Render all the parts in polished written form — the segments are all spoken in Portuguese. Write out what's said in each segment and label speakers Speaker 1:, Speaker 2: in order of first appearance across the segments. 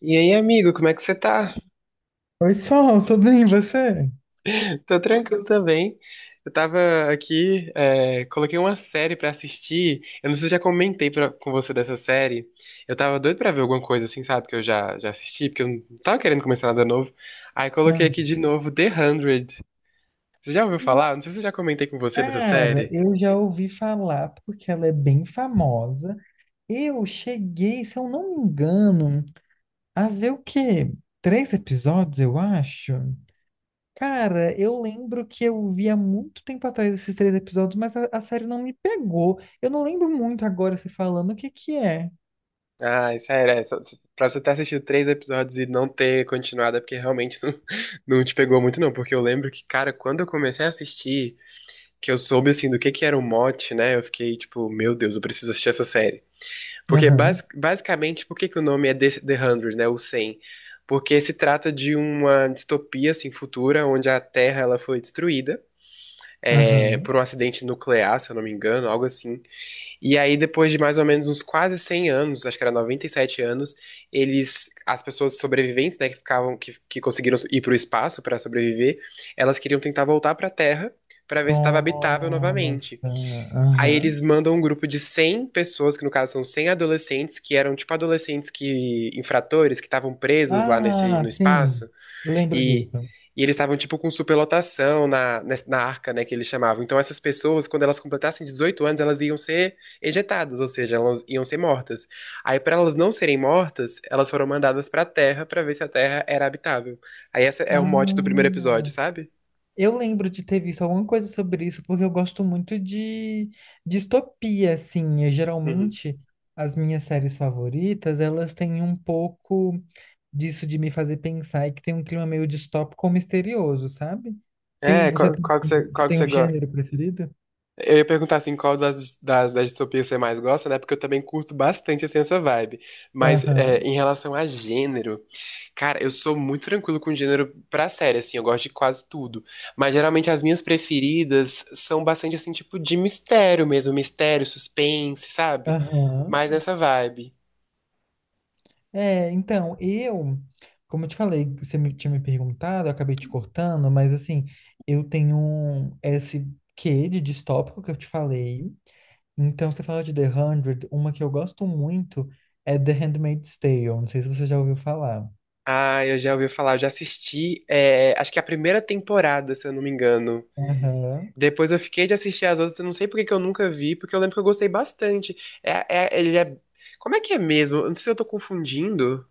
Speaker 1: E aí, amigo, como é que você tá?
Speaker 2: Oi, Sol, tudo bem, e você?
Speaker 1: Tô tranquilo também. Eu tava aqui, coloquei uma série pra assistir. Eu não sei se eu já comentei com você dessa série. Eu tava doido pra ver alguma coisa assim, sabe? Que eu já assisti, porque eu não tava querendo começar nada novo. Aí coloquei
Speaker 2: Ah,
Speaker 1: aqui de novo The 100. Você já ouviu falar? Não sei se eu já comentei com você dessa
Speaker 2: cara,
Speaker 1: série.
Speaker 2: eu já ouvi falar porque ela é bem famosa. Eu cheguei, se eu não me engano, a ver o quê? Três episódios, eu acho. Cara, eu lembro que eu vi há muito tempo atrás esses três episódios, mas a série não me pegou. Eu não lembro muito agora você falando o que que é.
Speaker 1: Ah, sério, pra você ter assistido três episódios e não ter continuado, é porque realmente não, não te pegou muito, não. Porque eu lembro que, cara, quando eu comecei a assistir. Que eu soube, assim, do que era o mote, né? Eu fiquei, tipo, meu Deus, eu preciso assistir essa série. Porque,
Speaker 2: Aham,
Speaker 1: basicamente, por que que o nome é The 100, né? O 100? Porque se trata de uma distopia, assim, futura, onde a Terra, ela foi destruída
Speaker 2: aham.
Speaker 1: por um acidente nuclear, se eu não me engano, algo assim. E aí, depois de mais ou menos uns quase 100 anos, acho que era 97 anos, eles, as pessoas sobreviventes, né, que ficavam, que conseguiram ir para o espaço para sobreviver, elas queriam tentar voltar para a Terra para ver se estava habitável novamente.
Speaker 2: Nossa,
Speaker 1: Aí
Speaker 2: aham.
Speaker 1: eles mandam um grupo de 100 pessoas, que no caso são 100 adolescentes, que eram tipo adolescentes que infratores, que estavam presos lá nesse
Speaker 2: Ah,
Speaker 1: no
Speaker 2: sim,
Speaker 1: espaço
Speaker 2: eu lembro
Speaker 1: e
Speaker 2: disso.
Speaker 1: e eles estavam tipo com superlotação na arca, né, que eles chamavam. Então essas pessoas, quando elas completassem 18 anos, elas iam ser ejetadas, ou seja, elas iam ser mortas. Aí para elas não serem mortas, elas foram mandadas para a Terra para ver se a Terra era habitável. Aí essa é o
Speaker 2: Ah,
Speaker 1: mote do primeiro episódio, sabe?
Speaker 2: eu lembro de ter visto alguma coisa sobre isso, porque eu gosto muito de distopia, assim. E,
Speaker 1: Uhum.
Speaker 2: geralmente, as minhas séries favoritas, elas têm um pouco disso de me fazer pensar e que tem um clima meio distópico ou misterioso, sabe? Tem,
Speaker 1: É,
Speaker 2: você
Speaker 1: qual,
Speaker 2: tem, você
Speaker 1: qual que
Speaker 2: tem
Speaker 1: você
Speaker 2: um gênero preferido?
Speaker 1: eu ia perguntar assim, qual das distopias você mais gosta, né? Porque eu também curto bastante assim, essa vibe. Mas
Speaker 2: Aham,
Speaker 1: em relação a gênero, cara, eu sou muito tranquilo com gênero pra série, assim, eu gosto de quase tudo. Mas geralmente as minhas preferidas são bastante assim, tipo, de mistério mesmo, mistério, suspense, sabe?
Speaker 2: aham.
Speaker 1: Mais nessa vibe.
Speaker 2: É, então, eu, como eu te falei, tinha me perguntado, eu acabei te cortando, mas assim, esse quê de distópico que eu te falei. Então, você fala de The Hundred, uma que eu gosto muito é The Handmaid's Tale, não sei se você já ouviu falar.
Speaker 1: Ah, eu já ouvi falar, eu já assisti, acho que a primeira temporada, se eu não me engano.
Speaker 2: Aham.
Speaker 1: Depois eu fiquei de assistir as outras, eu não sei por que que eu nunca vi, porque eu lembro que eu gostei bastante. Ele é. Como é que é mesmo? Eu não sei se eu tô confundindo.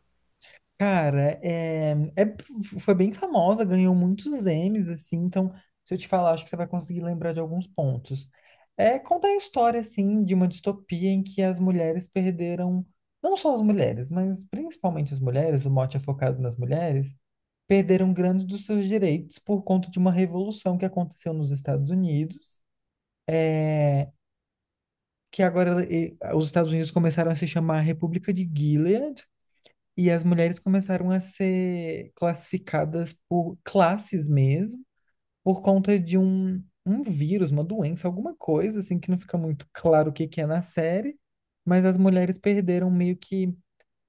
Speaker 2: Cara, é- foi bem famosa, ganhou muitos Emmys, assim, então, se eu te falar, acho que você vai conseguir lembrar de alguns pontos. É contar a história, assim, de uma distopia em que as mulheres perderam, não só as mulheres, mas principalmente as mulheres, o mote é focado nas mulheres, perderam grandes dos seus direitos por conta de uma revolução que aconteceu nos Estados Unidos, que agora eh, os Estados Unidos começaram a se chamar República de Gilead. E as mulheres começaram a ser classificadas por classes mesmo, por conta de um vírus, uma doença, alguma coisa, assim, que não fica muito claro o que que é na série, mas as mulheres perderam meio que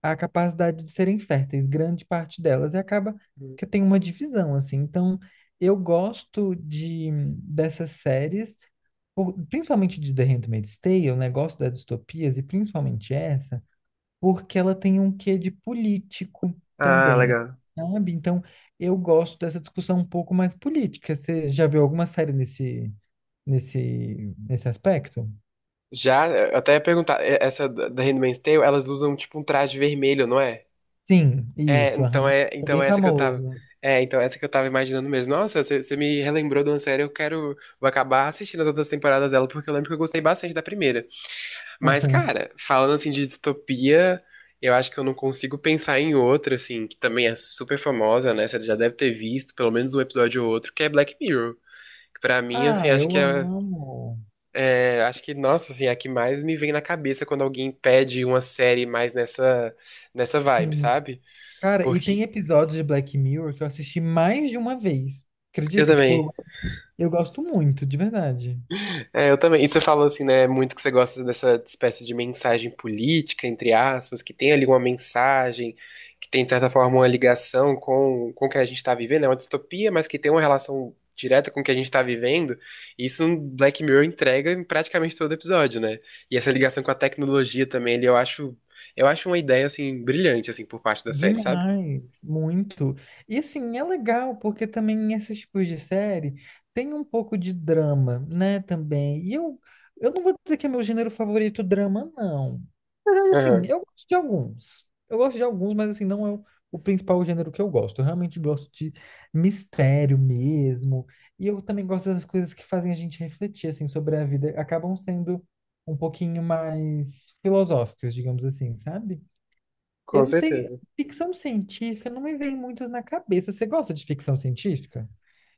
Speaker 2: a capacidade de serem férteis, grande parte delas, e acaba que tem uma divisão, assim. Então, eu gosto de dessas séries, por- principalmente de The Handmaid's Tale, o negócio das distopias, e principalmente essa porque ela tem um quê de político
Speaker 1: Ah,
Speaker 2: também,
Speaker 1: legal.
Speaker 2: sabe? Então, eu gosto dessa discussão um pouco mais política. Você já viu alguma série nesse, nesse, nesse aspecto?
Speaker 1: Já, eu até ia perguntar, essa da Handmaid's Tale, elas usam tipo um traje vermelho, não é?
Speaker 2: Sim,
Speaker 1: É,
Speaker 2: isso,
Speaker 1: então
Speaker 2: aham.
Speaker 1: é,
Speaker 2: É
Speaker 1: então
Speaker 2: bem
Speaker 1: é essa que eu tava.
Speaker 2: famoso.
Speaker 1: É, então é essa que eu tava imaginando mesmo. Nossa, você me relembrou de uma série, eu quero. Vou acabar assistindo as outras temporadas dela, porque eu lembro que eu gostei bastante da primeira. Mas, cara, falando assim de distopia, eu acho que eu não consigo pensar em outra, assim, que também é super famosa, né? Você já deve ter visto pelo menos um episódio ou outro, que é Black Mirror. Que pra mim, assim,
Speaker 2: Ah,
Speaker 1: acho que
Speaker 2: eu
Speaker 1: é,
Speaker 2: amo.
Speaker 1: é, Acho que, nossa, assim, é a que mais me vem na cabeça quando alguém pede uma série mais nessa vibe,
Speaker 2: Sim.
Speaker 1: sabe?
Speaker 2: Cara, e tem
Speaker 1: Porque.
Speaker 2: episódios de Black Mirror que eu assisti mais de uma vez.
Speaker 1: Eu
Speaker 2: Acredita? Tipo,
Speaker 1: também.
Speaker 2: eu gosto muito, de verdade.
Speaker 1: É, eu também. E você falou assim, né, muito que você gosta dessa espécie de mensagem política, entre aspas, que tem ali uma mensagem, que tem, de certa forma, uma ligação com o que a gente está vivendo, é uma distopia, mas que tem uma relação direta com o que a gente está vivendo. E isso no Black Mirror entrega em praticamente todo episódio, né? E essa ligação com a tecnologia também, ele, eu acho uma ideia, assim, brilhante, assim, por parte da série, sabe?
Speaker 2: Demais, muito. E assim, é legal, porque também esses tipos de série tem um pouco de drama, né, também. E eu não vou dizer que é meu gênero favorito drama, não. Mas assim,
Speaker 1: Aham,
Speaker 2: eu gosto de alguns. Eu gosto de alguns, mas assim, não é o principal gênero que eu gosto. Eu realmente gosto de mistério mesmo. E eu também gosto das coisas que fazem a gente refletir, assim, sobre a vida. Acabam sendo um pouquinho mais filosóficas, digamos assim, sabe? Eu
Speaker 1: com
Speaker 2: não sei,
Speaker 1: certeza.
Speaker 2: ficção científica não me vem muitos na cabeça. Você gosta de ficção científica?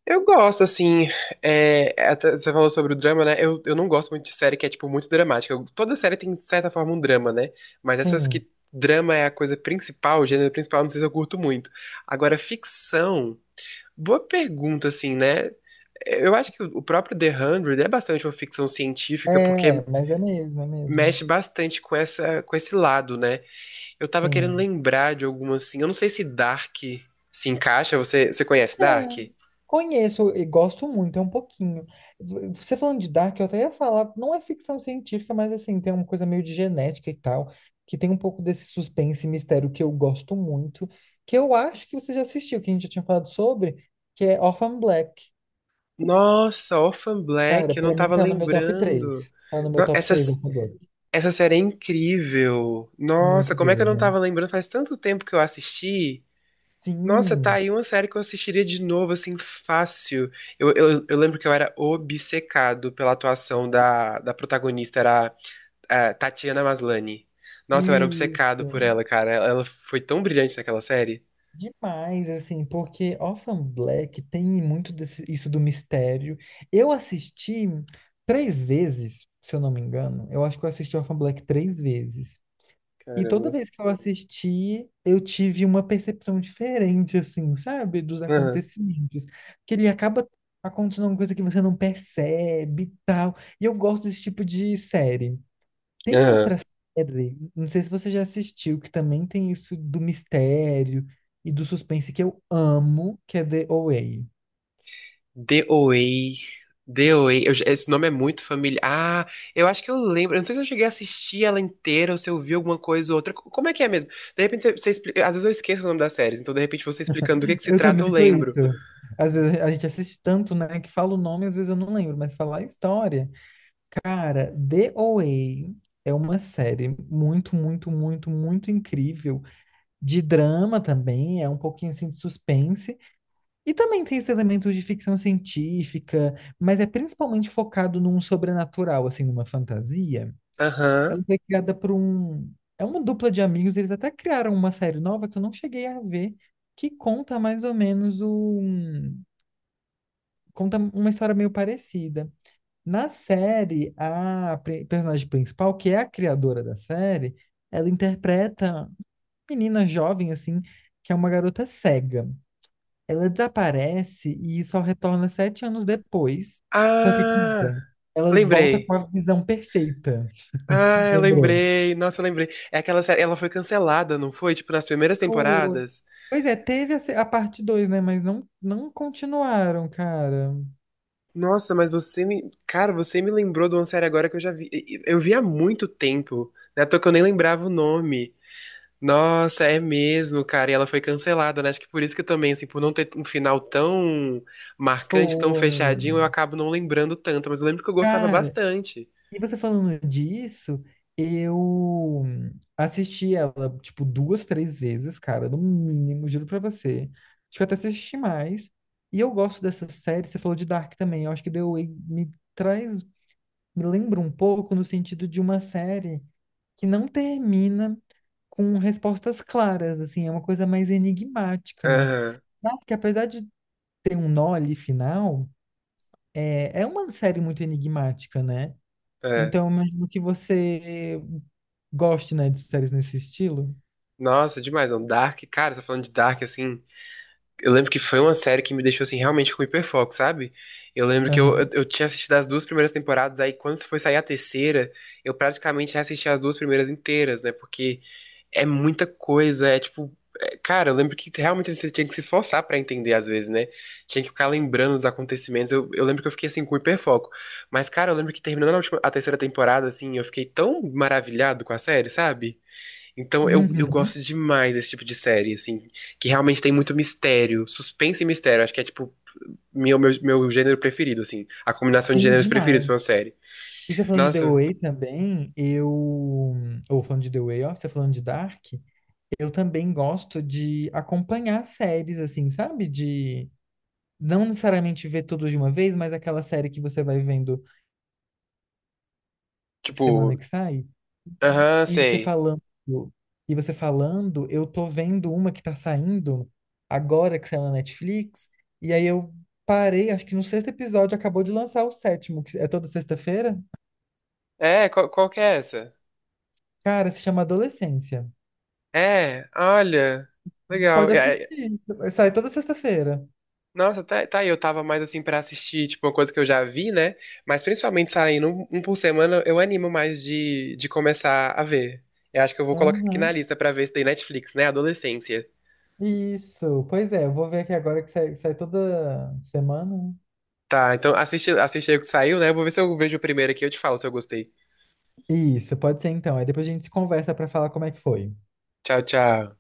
Speaker 1: Eu gosto, assim, até você falou sobre o drama, né? Eu não gosto muito de série que é, tipo, muito dramática. Toda série tem, de certa forma, um drama, né? Mas essas
Speaker 2: Sim,
Speaker 1: que drama é a coisa principal, o gênero principal, não sei se eu curto muito. Agora, ficção, boa pergunta, assim, né? Eu acho que o próprio The 100 é bastante uma ficção científica, porque
Speaker 2: é, mas é mesmo, é mesmo.
Speaker 1: mexe bastante com essa, com esse lado, né? Eu tava querendo
Speaker 2: Sim.
Speaker 1: lembrar de alguma, assim, eu não sei se Dark se encaixa, você conhece
Speaker 2: É.
Speaker 1: Dark?
Speaker 2: Conheço e gosto muito, é um pouquinho. Você falando de Dark, eu até ia falar, não é ficção científica, mas assim, tem uma coisa meio de genética e tal, que tem um pouco desse suspense e mistério que eu gosto muito, que eu acho que você já assistiu, que a gente já tinha falado sobre, que é Orphan Black.
Speaker 1: Nossa, Orphan
Speaker 2: Cara,
Speaker 1: Black, eu não
Speaker 2: pra mim
Speaker 1: tava
Speaker 2: tá no meu top
Speaker 1: lembrando.
Speaker 2: 3, tá no meu
Speaker 1: No-
Speaker 2: top
Speaker 1: Essa,
Speaker 2: 3 Orphan Black.
Speaker 1: essa série é incrível.
Speaker 2: É
Speaker 1: Nossa,
Speaker 2: muito
Speaker 1: como é que eu não
Speaker 2: boa, né?
Speaker 1: tava lembrando? Faz tanto tempo que eu assisti. Nossa, tá
Speaker 2: Sim,
Speaker 1: aí uma série que eu assistiria de novo, assim, fácil. Eu lembro que eu era obcecado pela atuação da protagonista, era a Tatiana Maslany. Nossa, eu era obcecado por
Speaker 2: isso.
Speaker 1: ela, cara. Ela foi tão brilhante naquela série.
Speaker 2: Demais, assim, porque Orphan Black tem muito desse- isso do mistério. Eu assisti três vezes, se eu não me engano. Eu acho que eu assisti Orphan Black três vezes. E toda
Speaker 1: Caramba.
Speaker 2: vez que eu assisti, eu tive uma percepção diferente, assim, sabe, dos
Speaker 1: Aham.
Speaker 2: acontecimentos. Porque ele acaba acontecendo alguma coisa que você não percebe e tal. E eu gosto desse tipo de série. Tem
Speaker 1: Aham.
Speaker 2: outra série, não sei se você já assistiu, que também tem isso do mistério e do suspense que eu amo, que é The Away.
Speaker 1: DOA. DOA. Esse nome é muito familiar. Ah, eu acho que eu lembro. Eu não sei se eu cheguei a assistir ela inteira ou se eu vi alguma coisa ou outra. Como é que é mesmo? De repente você explica. Às vezes eu esqueço o nome das séries, então de repente você explicando do que se
Speaker 2: Eu também
Speaker 1: trata, eu
Speaker 2: sou isso.
Speaker 1: lembro.
Speaker 2: Às vezes a gente assiste tanto, né, que fala o nome, às vezes eu não lembro, mas fala a história. Cara, The Away é uma série muito, muito, muito, muito incrível. De drama também, é um pouquinho assim de suspense. E também tem esse elemento de ficção científica, mas é principalmente focado num sobrenatural, assim, numa fantasia.
Speaker 1: Aham.
Speaker 2: Ela foi criada por um. É uma dupla de amigos, eles até criaram uma série nova que eu não cheguei a ver, que conta mais ou menos um. Conta uma história meio parecida. Na série, a personagem principal, que é a criadora da série, ela interpreta uma menina jovem, assim, que é uma garota cega. Ela desaparece e só retorna 7 anos depois. Só que,
Speaker 1: Ah,
Speaker 2: cuida, ela volta com
Speaker 1: lembrei.
Speaker 2: a visão perfeita,
Speaker 1: Ah, eu
Speaker 2: lembrou?
Speaker 1: lembrei. Nossa, eu lembrei. É aquela série. Ela foi cancelada, não foi? Tipo, nas primeiras
Speaker 2: Foi.
Speaker 1: temporadas.
Speaker 2: Pois é, teve a, se- a parte dois, né? Mas não, não continuaram, cara.
Speaker 1: Nossa, mas você me. Cara, você me lembrou de uma série agora que eu já vi. Eu vi há muito tempo. Né? À toa que eu nem lembrava o nome. Nossa, é mesmo, cara. E ela foi cancelada, né? Acho que por isso que também, assim, por não ter um final tão marcante, tão
Speaker 2: Foi.
Speaker 1: fechadinho, eu acabo não lembrando tanto. Mas eu lembro que eu gostava
Speaker 2: Cara,
Speaker 1: bastante.
Speaker 2: e você falando disso, eu assisti ela, tipo, duas, três vezes, cara, no mínimo, juro pra você. Acho que eu até assisti mais. E eu gosto dessa série, você falou de Dark também. Eu acho que The Way me traz, me lembra um pouco no sentido de uma série que não termina com respostas claras, assim, é uma coisa mais enigmática, né?
Speaker 1: Aham,
Speaker 2: Dark, apesar de tem um nó ali final, é uma série muito enigmática, né?
Speaker 1: é.
Speaker 2: Então, eu imagino que você goste, né, de séries nesse estilo.
Speaker 1: Nossa, demais. Não. Dark, cara, você tá falando de Dark, assim. Eu lembro que foi uma série que me deixou, assim, realmente com hiperfoco, sabe? Eu lembro que eu, eu,
Speaker 2: Aham.
Speaker 1: eu tinha assistido as duas primeiras temporadas, aí quando foi sair a terceira, eu praticamente assisti as duas primeiras inteiras, né? Porque. É muita coisa, é tipo. Cara, eu lembro que realmente você tinha que se esforçar pra entender às vezes, né? Tinha que ficar lembrando dos acontecimentos. Eu lembro que eu fiquei assim com hiperfoco. Mas, cara, eu lembro que terminando a última, a terceira temporada, assim, eu fiquei tão maravilhado com a série, sabe? Então eu
Speaker 2: Uhum.
Speaker 1: gosto demais desse tipo de série, assim, que realmente tem muito mistério, suspense e mistério. Acho que é tipo meu gênero preferido, assim, a combinação de
Speaker 2: Sim,
Speaker 1: gêneros preferidos
Speaker 2: demais.
Speaker 1: pra uma série.
Speaker 2: E você falando de The
Speaker 1: Nossa,
Speaker 2: Way também, eu. Ou falando de The Way, ó, você falando de Dark, eu também gosto de acompanhar séries, assim, sabe? De não necessariamente ver tudo de uma vez, mas aquela série que você vai vendo semana
Speaker 1: tipo,
Speaker 2: que sai.
Speaker 1: aham,
Speaker 2: E você
Speaker 1: sei.
Speaker 2: falando, e você falando, eu tô vendo uma que tá saindo agora que saiu na Netflix, e aí eu parei, acho que no sexto episódio acabou de lançar o sétimo, que é toda sexta-feira.
Speaker 1: É, qual que é essa?
Speaker 2: Cara, se chama Adolescência.
Speaker 1: É, olha, legal.
Speaker 2: Pode
Speaker 1: É, é,
Speaker 2: assistir. Sai toda sexta-feira.
Speaker 1: nossa, tá aí, eu tava mais assim pra assistir, tipo, uma coisa que eu já vi, né? Mas principalmente saindo um por semana, eu animo mais de começar a ver. Eu acho que eu vou colocar aqui na
Speaker 2: Aham.
Speaker 1: lista pra ver isso daí Netflix, né? Adolescência.
Speaker 2: Isso. Pois é, eu vou ver aqui agora que sai toda semana, né?
Speaker 1: Tá, então assiste, assiste aí o que saiu, né? Eu vou ver se eu vejo o primeiro aqui e eu te falo se eu gostei.
Speaker 2: Isso, pode ser então. Aí depois a gente se conversa pra falar como é que foi.
Speaker 1: Tchau, tchau.